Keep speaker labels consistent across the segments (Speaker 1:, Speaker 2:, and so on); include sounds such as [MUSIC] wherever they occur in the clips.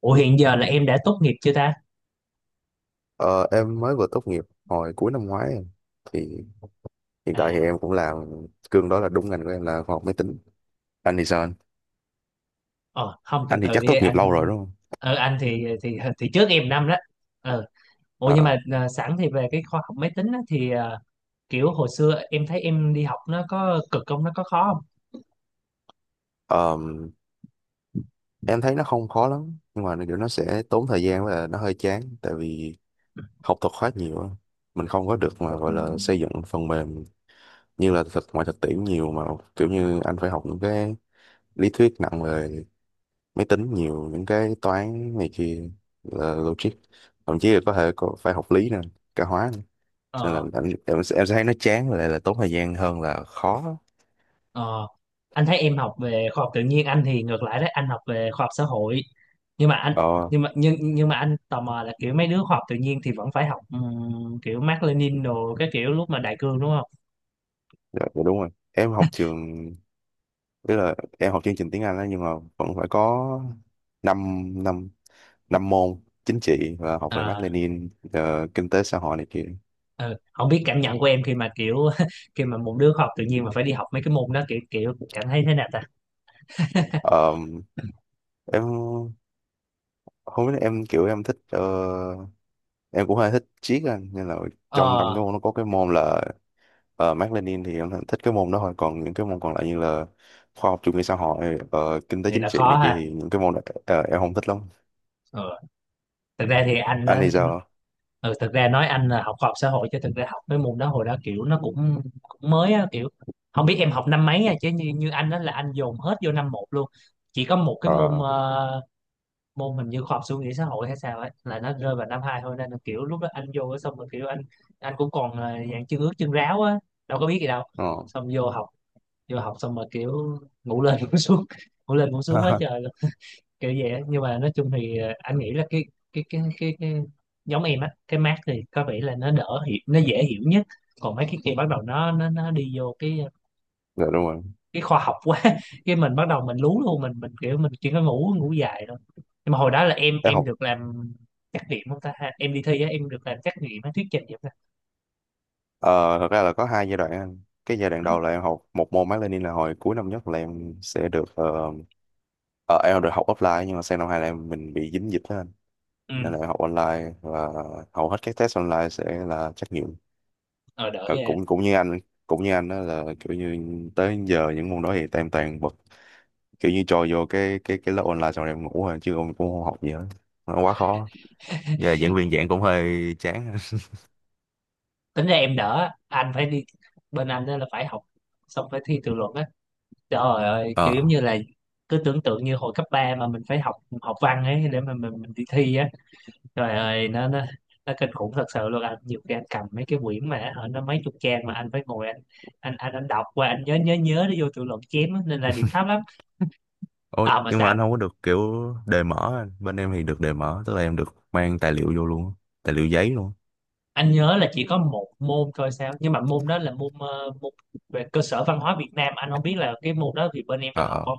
Speaker 1: Ủa hiện giờ là em đã tốt nghiệp chưa ta?
Speaker 2: Ờ, em mới vừa tốt nghiệp hồi cuối năm ngoái em. Thì hiện tại thì
Speaker 1: À,
Speaker 2: em cũng làm cương đó là đúng ngành của em là khoa học máy tính. Anh thì sao anh?
Speaker 1: ờ, không từ
Speaker 2: Anh thì
Speaker 1: từ
Speaker 2: chắc
Speaker 1: đi
Speaker 2: tốt nghiệp
Speaker 1: anh.
Speaker 2: lâu rồi đúng không?
Speaker 1: Ờ, anh thì trước em năm đó. Ờ, ủa
Speaker 2: Ờ,
Speaker 1: nhưng mà sẵn thì về cái khoa học máy tính á, thì kiểu hồi xưa em thấy em đi học nó có cực không? Nó có khó không?
Speaker 2: ờm, em thấy nó không khó lắm nhưng mà kiểu nó sẽ tốn thời gian và nó hơi chán tại vì học thuật khá nhiều á. Mình không có được mà gọi là xây dựng phần mềm như là thực ngoài thực tiễn nhiều mà kiểu như anh phải học những cái lý thuyết nặng về máy tính nhiều những cái toán này kia là logic, thậm chí là có thể có phải học lý nữa, cả hóa nữa. Nên là
Speaker 1: Ờ,
Speaker 2: em sẽ thấy nó chán và lại là tốn thời gian hơn là khó.
Speaker 1: ờ. Anh thấy em học về khoa học tự nhiên, anh thì ngược lại đấy, anh học về khoa học xã hội. Nhưng mà anh
Speaker 2: Ờ,
Speaker 1: nhưng mà anh tò mò là kiểu mấy đứa khoa học tự nhiên thì vẫn phải học kiểu Mác Lênin đồ, cái kiểu lúc mà đại cương đúng không?
Speaker 2: dạ đúng rồi, em học trường, tức là em học chương trình tiếng Anh đó nhưng mà vẫn phải có năm năm năm môn chính trị và học về Mác
Speaker 1: Ờ,
Speaker 2: Lênin, kinh tế xã hội này kia.
Speaker 1: ừ. Không biết cảm nhận của em khi mà kiểu [LAUGHS] khi mà một đứa học tự nhiên mà phải đi học mấy cái môn đó kiểu kiểu cảm thấy thế nào ta? [LAUGHS]
Speaker 2: Ờ, em không biết, em kiểu em thích, em cũng hơi thích triết á, nên là trong trong
Speaker 1: Ờ,
Speaker 2: cái môn nó có cái môn là, ờ, Mác Lênin thì em thích cái môn đó thôi, còn những cái môn còn lại như là khoa học chủ nghĩa xã hội, kinh tế
Speaker 1: thì
Speaker 2: chính
Speaker 1: là
Speaker 2: trị
Speaker 1: khó
Speaker 2: này kia
Speaker 1: ha.
Speaker 2: thì những cái môn đó, ờ, em không thích lắm.
Speaker 1: Ờ, thực ra thì anh
Speaker 2: Anh
Speaker 1: á,
Speaker 2: thì giờ
Speaker 1: ừ, thực ra nói anh là học khoa học xã hội chứ thực ra học mấy môn đó hồi đó kiểu nó cũng cũng mới á, kiểu không biết em học năm mấy nha, chứ như như anh đó là anh dồn hết vô năm một luôn. Chỉ có một cái môn
Speaker 2: ờ
Speaker 1: môn hình như khoa học suy nghĩ xã hội hay sao ấy là nó rơi vào năm hai thôi, nên là kiểu lúc đó anh vô xong rồi kiểu anh cũng còn ờ, dạng chân ướt chân ráo á, đâu có biết gì đâu,
Speaker 2: ờ.
Speaker 1: xong vô học xong mà kiểu ngủ lên ngủ xuống [LAUGHS] ngủ lên ngủ xuống quá
Speaker 2: [LAUGHS]
Speaker 1: trời luôn, kiểu vậy á. Nhưng mà nói chung thì ờ, anh nghĩ là cái giống em á, cái mát thì có vẻ là nó đỡ hiểu, nó dễ hiểu nhất, còn mấy cái kia bắt đầu nó đi vô cái
Speaker 2: Dạ đúng rồi
Speaker 1: cái khoa học quá [LAUGHS] cái mình bắt đầu mình lú luôn, mình kiểu mình chỉ có ngủ, ngủ dài thôi. Nhưng mà hồi đó là em
Speaker 2: em
Speaker 1: em
Speaker 2: học,
Speaker 1: được làm trắc nghiệm không ta ha, em đi thi á em được làm trắc nghiệm á, thuyết trình vậy ta?
Speaker 2: ờ, thật ra là có hai giai đoạn anh. Cái giai đoạn đầu là em học một môn Mác Lênin là hồi cuối năm nhất là em sẽ được ờ, em được học offline, nhưng mà sang năm hai là em mình bị dính dịch đó anh,
Speaker 1: Ừ,
Speaker 2: nên là em học online và hầu hết các test online sẽ là trắc nghiệm.
Speaker 1: ờ, đỡ
Speaker 2: Ờ,
Speaker 1: ghê á.
Speaker 2: cũng cũng như anh đó là kiểu như tới giờ những môn đó thì tụi em toàn bật, kiểu như trôi vô cái lớp online xong rồi em ngủ rồi chứ em cũng không học gì hết, nó quá khó, giờ giảng viên giảng cũng hơi chán. [LAUGHS]
Speaker 1: Tính ra em đỡ, anh phải đi, bên anh á là phải học xong phải thi tự luận á. Trời ơi, kiểu giống
Speaker 2: Ờ,
Speaker 1: như là cứ tưởng tượng như hồi cấp 3 mà mình phải học, học văn ấy để mà mình đi thi á. Trời ơi, nó nó kinh khủng thật sự luôn anh. Nhiều khi anh cầm mấy cái quyển mà ở nó mấy chục trang mà anh phải ngồi anh, anh đọc qua anh nhớ nhớ nhớ để vô tự luận chém á, nên là điểm thấp lắm.
Speaker 2: ôi
Speaker 1: À mà
Speaker 2: nhưng mà
Speaker 1: sao
Speaker 2: anh không có được kiểu đề mở anh. Bên em thì được đề mở, tức là em được mang tài liệu vô luôn, tài liệu giấy luôn.
Speaker 1: anh nhớ là chỉ có một môn thôi sao? Nhưng mà môn đó là môn ờ, môn về cơ sở văn hóa Việt Nam, anh không biết là cái môn đó thì bên em
Speaker 2: Ờ
Speaker 1: có học
Speaker 2: ờ.
Speaker 1: không?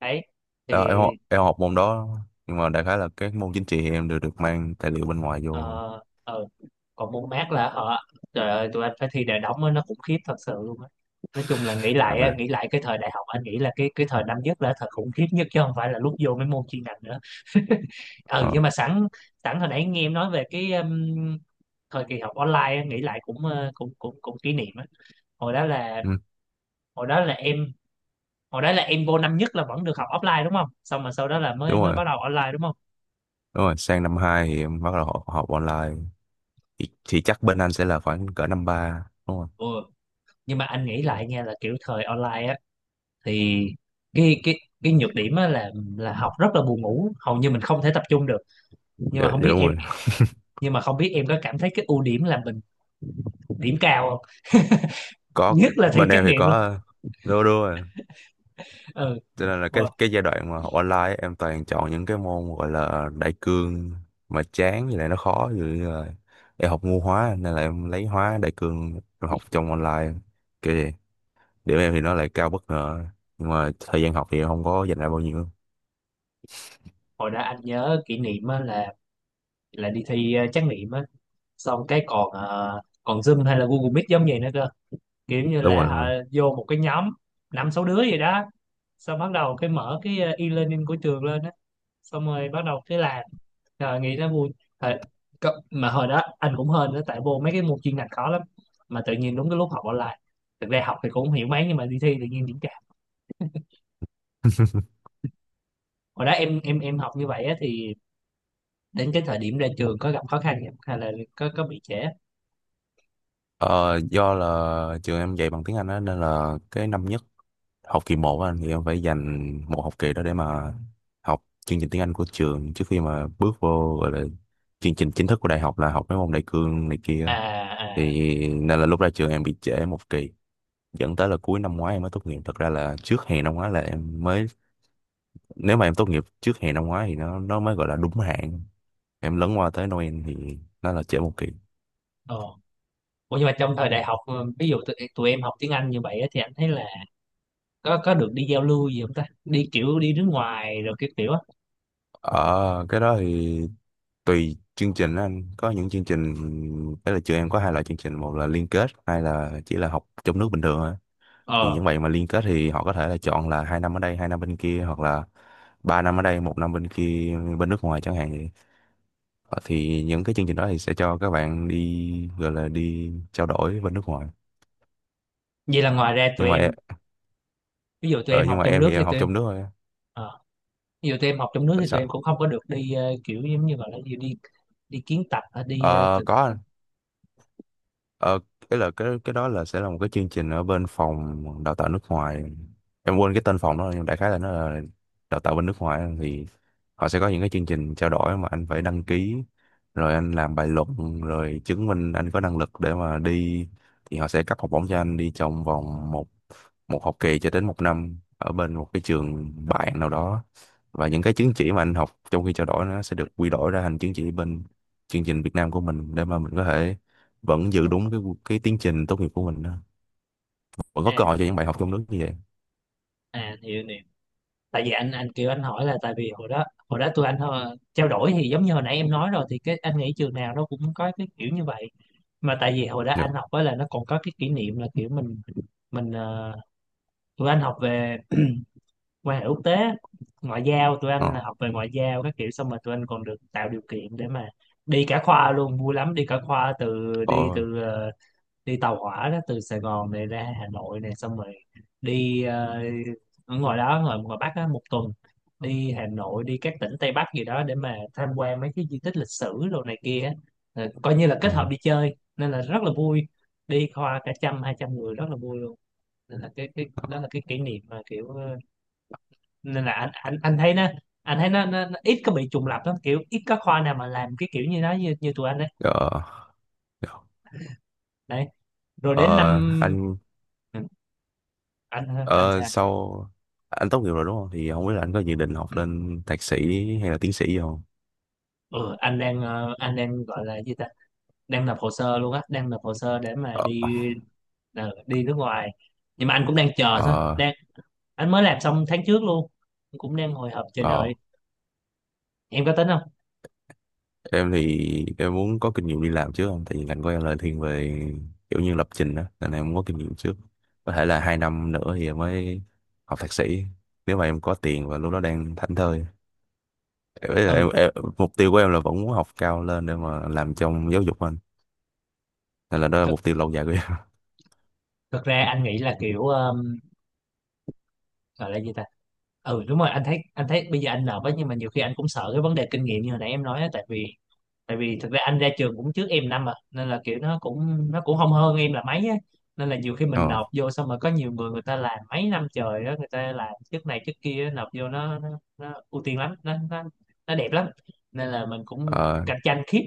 Speaker 1: Đấy thì
Speaker 2: Ờ, em học, em học môn đó, nhưng mà đại khái là các môn chính trị thì em đều được mang tài liệu bên ngoài vô.
Speaker 1: ờ, ờ, còn môn mát là họ, trời ơi tụi anh phải thi đại đóng á, nó cũng khiếp thật sự luôn á. Nói chung là nghĩ lại á,
Speaker 2: Ok.
Speaker 1: nghĩ lại cái thời đại học anh nghĩ là cái thời năm nhất là thời khủng khiếp nhất chứ không phải là lúc vô mấy môn chuyên ngành nữa. [LAUGHS] Ừ
Speaker 2: Ờ,
Speaker 1: nhưng mà sẵn, sẵn hồi nãy nghe em nói về cái thời kỳ học online á, nghĩ lại cũng ờ, cũng cũng cũng kỷ niệm á. Hồi đó là,
Speaker 2: ừ,
Speaker 1: hồi đó là em hồi đó là em vô năm nhất là vẫn được học offline đúng không, xong mà sau đó là mới
Speaker 2: đúng
Speaker 1: mới
Speaker 2: rồi.
Speaker 1: bắt đầu online đúng không?
Speaker 2: Đúng rồi, sang năm 2 thì em bắt đầu học, học online, thì chắc bên anh sẽ là khoảng cỡ năm 3 đúng không?
Speaker 1: Ừ, nhưng mà anh nghĩ lại nha là kiểu thời online á thì cái cái cái nhược điểm á là học rất là buồn ngủ, hầu như mình không thể tập trung được. Nhưng
Speaker 2: Dạ,
Speaker 1: mà không
Speaker 2: dạ
Speaker 1: biết
Speaker 2: đúng
Speaker 1: em,
Speaker 2: rồi.
Speaker 1: nhưng mà không biết em có cảm thấy cái ưu điểm là mình điểm cao không,
Speaker 2: Có,
Speaker 1: nhất là thi
Speaker 2: bên
Speaker 1: trắc
Speaker 2: em thì
Speaker 1: nghiệm
Speaker 2: có,
Speaker 1: luôn.
Speaker 2: đúng đúng rồi.
Speaker 1: Ừ,
Speaker 2: Cho nên là cái
Speaker 1: hồi,
Speaker 2: cái giai đoạn mà học online ấy, em toàn chọn những cái môn gọi là đại cương mà chán với lại nó khó, ví dụ như là em học ngu hóa nên là em lấy hóa đại cương rồi học trong online kiểu vậy. Điểm em thì nó lại cao bất ngờ nhưng mà thời gian học thì em không có dành ra bao nhiêu.
Speaker 1: hồi đó anh nhớ kỷ niệm á là đi thi ờ, trắc nghiệm á, xong cái còn ờ, còn Zoom hay là Google Meet giống vậy nữa cơ, kiểu như
Speaker 2: Đúng
Speaker 1: là
Speaker 2: rồi
Speaker 1: họ
Speaker 2: đúng rồi.
Speaker 1: vô một cái nhóm năm sáu đứa vậy đó, xong bắt đầu cái mở cái ờ, e-learning của trường lên á, xong rồi bắt đầu cái làm. Trời, nghĩ nó vui. Thời, có- mà hồi đó anh cũng hên đó, tại vô mấy cái môn chuyên ngành khó lắm mà tự nhiên đúng cái lúc học online, thực ra học thì cũng không hiểu mấy nhưng mà đi thi tự nhiên điểm cao. Hồi đó em học như vậy á, thì đến cái thời điểm ra trường có gặp khó khăn không? Hay là có bị trễ?
Speaker 2: Ờ, do là trường em dạy bằng tiếng Anh á nên là cái năm nhất học kỳ 1 anh, thì em phải dành một học kỳ đó để mà học chương trình tiếng Anh của trường trước khi mà bước vô gọi là chương trình chính thức của đại học là học mấy môn đại cương này
Speaker 1: À,
Speaker 2: kia.
Speaker 1: à,
Speaker 2: Thì nên là lúc ra trường em bị trễ một kỳ, dẫn tới là cuối năm ngoái em mới tốt nghiệp, thật ra là trước hè năm ngoái là em mới, nếu mà em tốt nghiệp trước hè năm ngoái thì nó mới gọi là đúng hạn, em lấn qua tới Noel thì nó là trễ một kỳ.
Speaker 1: ờ. Ủa nhưng mà trong thời đại học ờ, ví dụ tụi em học tiếng Anh như vậy á, thì anh thấy là có được đi giao lưu gì không ta, đi kiểu đi nước ngoài rồi cái kiểu á?
Speaker 2: Ở cái đó thì tùy chương trình á anh, có những chương trình, đấy là trường em có hai loại chương trình, một là liên kết, hai là chỉ là học trong nước bình thường thôi. Thì
Speaker 1: Ờ,
Speaker 2: những bạn mà liên kết thì họ có thể là chọn là hai năm ở đây hai năm bên kia, hoặc là ba năm ở đây một năm bên kia bên nước ngoài chẳng hạn vậy. Ờ, thì những cái chương trình đó thì sẽ cho các bạn đi gọi là đi trao đổi bên nước ngoài.
Speaker 1: vậy là ngoài ra
Speaker 2: nhưng
Speaker 1: tụi
Speaker 2: mà em,
Speaker 1: em, ví dụ tụi
Speaker 2: ờ,
Speaker 1: em học
Speaker 2: nhưng mà
Speaker 1: trong
Speaker 2: em
Speaker 1: nước
Speaker 2: thì
Speaker 1: thì
Speaker 2: em học
Speaker 1: tụi em
Speaker 2: trong nước thôi á.
Speaker 1: ờ, ví tụi em học trong nước
Speaker 2: Là
Speaker 1: thì tụi em
Speaker 2: sao.
Speaker 1: cũng không có được đi ờ, kiểu giống như gọi là gì, đi đi kiến tập hay đi ờ,
Speaker 2: Ờ,
Speaker 1: thực-.
Speaker 2: có. Ờ, cái đó là sẽ là một cái chương trình ở bên phòng đào tạo nước ngoài. Em quên cái tên phòng đó nhưng đại khái là nó là đào tạo bên nước ngoài á. Thì họ sẽ có những cái chương trình trao đổi mà anh phải đăng ký rồi anh làm bài luận rồi chứng minh anh có năng lực để mà đi, thì họ sẽ cấp học bổng cho anh đi trong vòng một một học kỳ cho đến một năm ở bên một cái trường bạn nào đó, và những cái chứng chỉ mà anh học trong khi trao đổi nó sẽ được quy đổi ra thành chứng chỉ bên chương trình Việt Nam của mình để mà mình có thể vẫn giữ đúng cái tiến trình tốt nghiệp của mình đó. Vẫn có
Speaker 1: À,
Speaker 2: cơ hội cho những bài học trong nước như vậy.
Speaker 1: à hiểu nè, tại vì anh kiểu anh hỏi là tại vì hồi đó tụi anh ờ, trao đổi thì giống như hồi nãy em nói rồi thì cái anh nghĩ trường nào nó cũng có cái kiểu như vậy. Mà tại vì hồi đó anh
Speaker 2: Được.
Speaker 1: học á là nó còn có cái kỷ niệm là kiểu mình ờ, tụi anh học về quan hệ quốc tế, ngoại giao, tụi
Speaker 2: ờ
Speaker 1: anh là học về ngoại giao các kiểu, xong rồi tụi anh còn được tạo điều kiện để mà đi cả khoa luôn, vui lắm, đi cả khoa, từ đi
Speaker 2: ờ
Speaker 1: từ ờ, đi tàu hỏa đó từ Sài Gòn này ra Hà Nội này, xong rồi đi ờ, ở ngoài đó ngoài ngoài Bắc á một tuần, đi Hà Nội đi các tỉnh Tây Bắc gì đó để mà tham quan mấy cái di tích lịch sử đồ này kia á. Ờ, coi như là
Speaker 2: ờ
Speaker 1: kết hợp đi chơi nên là rất là vui, đi khoa cả trăm hai trăm người, rất là vui luôn. Nên là cái đó là cái kỷ niệm mà kiểu ờ, nên là anh anh thấy nó, anh thấy nó ít có bị trùng lặp lắm, kiểu ít có khoa nào mà làm cái kiểu như đó như như tụi anh đấy.
Speaker 2: ờ, ờ,
Speaker 1: Đấy, rồi đến
Speaker 2: ờ,
Speaker 1: năm,
Speaker 2: anh,
Speaker 1: Ừ, anh anh
Speaker 2: ờ,
Speaker 1: sao?
Speaker 2: sau anh tốt nghiệp rồi đúng không, thì không biết là anh có dự định học lên thạc sĩ hay là tiến sĩ gì không.
Speaker 1: Ừ, anh đang ờ, anh đang gọi là gì ta, đang nộp hồ sơ luôn á, đang nộp hồ sơ để mà
Speaker 2: ờ
Speaker 1: đi ờ, đi nước ngoài. Nhưng mà anh cũng đang chờ thôi,
Speaker 2: ờ
Speaker 1: đang, anh mới làm xong tháng trước luôn, cũng đang hồi hộp chờ
Speaker 2: ờ.
Speaker 1: đợi. Em có tính không?
Speaker 2: Em thì em muốn có kinh nghiệm đi làm trước, không tại vì ngành của em là thiên về kiểu như lập trình đó nên em muốn có kinh nghiệm trước, có thể là hai năm nữa thì em mới học thạc sĩ, nếu mà em có tiền và lúc đó đang thảnh thơi. Đấy là em,
Speaker 1: Ừ,
Speaker 2: em mục tiêu của em là vẫn muốn học cao lên để mà làm trong giáo dục anh, nên là đó là
Speaker 1: thực
Speaker 2: mục tiêu lâu dài của em. [LAUGHS]
Speaker 1: thực ra anh nghĩ là kiểu gọi là gì ta, ừ đúng rồi, anh thấy, anh thấy bây giờ anh nộp á, nhưng mà nhiều khi anh cũng sợ cái vấn đề kinh nghiệm như hồi nãy em nói á, tại vì, tại vì thực ra anh ra trường cũng trước em năm mà, nên là kiểu nó cũng, nó cũng không hơn em là mấy á, nên là nhiều khi mình
Speaker 2: Ờ,
Speaker 1: nộp vô xong rồi có nhiều người, người ta làm mấy năm trời đó, người ta làm chức này chức kia nộp vô nó ưu tiên lắm, nó đẹp lắm, nên là mình cũng
Speaker 2: ờ,
Speaker 1: cạnh tranh khiếp.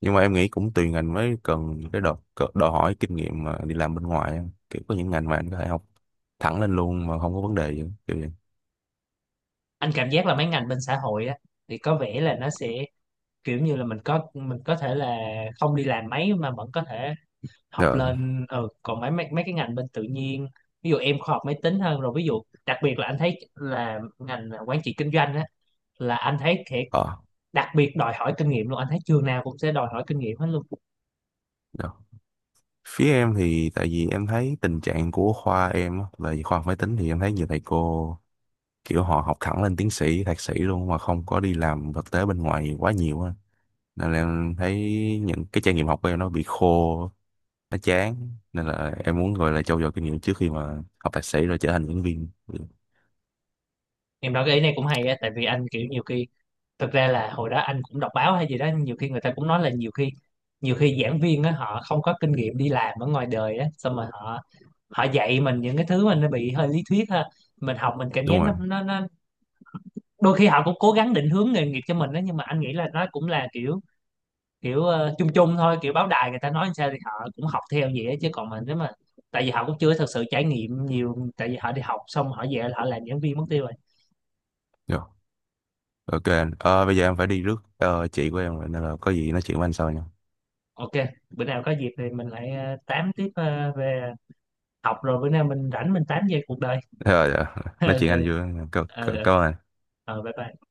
Speaker 2: nhưng mà em nghĩ cũng tùy ngành mới cần cái đòi hỏi kinh nghiệm mà đi làm bên ngoài á. Kiểu có những ngành mà anh có thể học thẳng lên luôn mà không có vấn đề gì kiểu vậy.
Speaker 1: Anh cảm giác là mấy ngành bên xã hội á thì có vẻ là nó sẽ kiểu như là mình có, mình có thể là không đi làm mấy mà vẫn có thể học
Speaker 2: Rồi.
Speaker 1: lên. Ừ, còn mấy, mấy mấy cái ngành bên tự nhiên, ví dụ em khoa học máy tính hơn rồi, ví dụ đặc biệt là anh thấy là ngành quản trị kinh doanh á là anh thấy thiệt
Speaker 2: Ờ.
Speaker 1: đặc biệt đòi hỏi kinh nghiệm luôn, anh thấy trường nào cũng sẽ đòi hỏi kinh nghiệm hết luôn.
Speaker 2: Rồi. Phía em thì tại vì em thấy tình trạng của khoa em á, là khoa học máy tính thì em thấy nhiều thầy cô kiểu họ học thẳng lên tiến sĩ thạc sĩ luôn mà không có đi làm thực tế bên ngoài quá nhiều á, nên là em thấy những cái trải nghiệm học của em nó bị khô, nó chán, nên là em muốn gọi là trau dồi kinh nghiệm trước khi mà học thạc sĩ rồi trở thành giảng viên. Ừ,
Speaker 1: Em nói cái ý này cũng hay á, tại vì anh kiểu nhiều khi, thực ra là hồi đó anh cũng đọc báo hay gì đó, nhiều khi người ta cũng nói là nhiều khi, nhiều khi giảng viên á họ không có kinh nghiệm đi làm ở ngoài đời á, xong mà họ, họ dạy mình những cái thứ mà nó bị hơi lý thuyết ha, mình học mình cảm
Speaker 2: đúng
Speaker 1: giác
Speaker 2: rồi.
Speaker 1: nó đôi khi họ cũng cố gắng định hướng nghề nghiệp cho mình đó, nhưng mà anh nghĩ là nó cũng là kiểu, kiểu ờ, chung chung thôi, kiểu báo đài người ta nói sao thì họ cũng học theo vậy á. Chứ còn mình nếu mà, tại vì họ cũng chưa thực sự trải nghiệm nhiều, tại vì họ đi học xong họ về là họ làm giảng viên mất tiêu rồi.
Speaker 2: Dạ. Ok anh. Ờ, bây giờ em phải đi rước chị của em rồi nên là có gì nói chuyện với anh sau nha.
Speaker 1: Ok, bữa nào có dịp thì mình lại ờ, tám tiếp ờ, về học, rồi bữa nào mình rảnh mình tám về cuộc đời.
Speaker 2: Rồi dạ. Nói chuyện anh
Speaker 1: [LAUGHS]
Speaker 2: vui. Cảm
Speaker 1: Ờ,
Speaker 2: cảm-
Speaker 1: ờ,
Speaker 2: Cảm ơn anh.
Speaker 1: ờ, bye bye.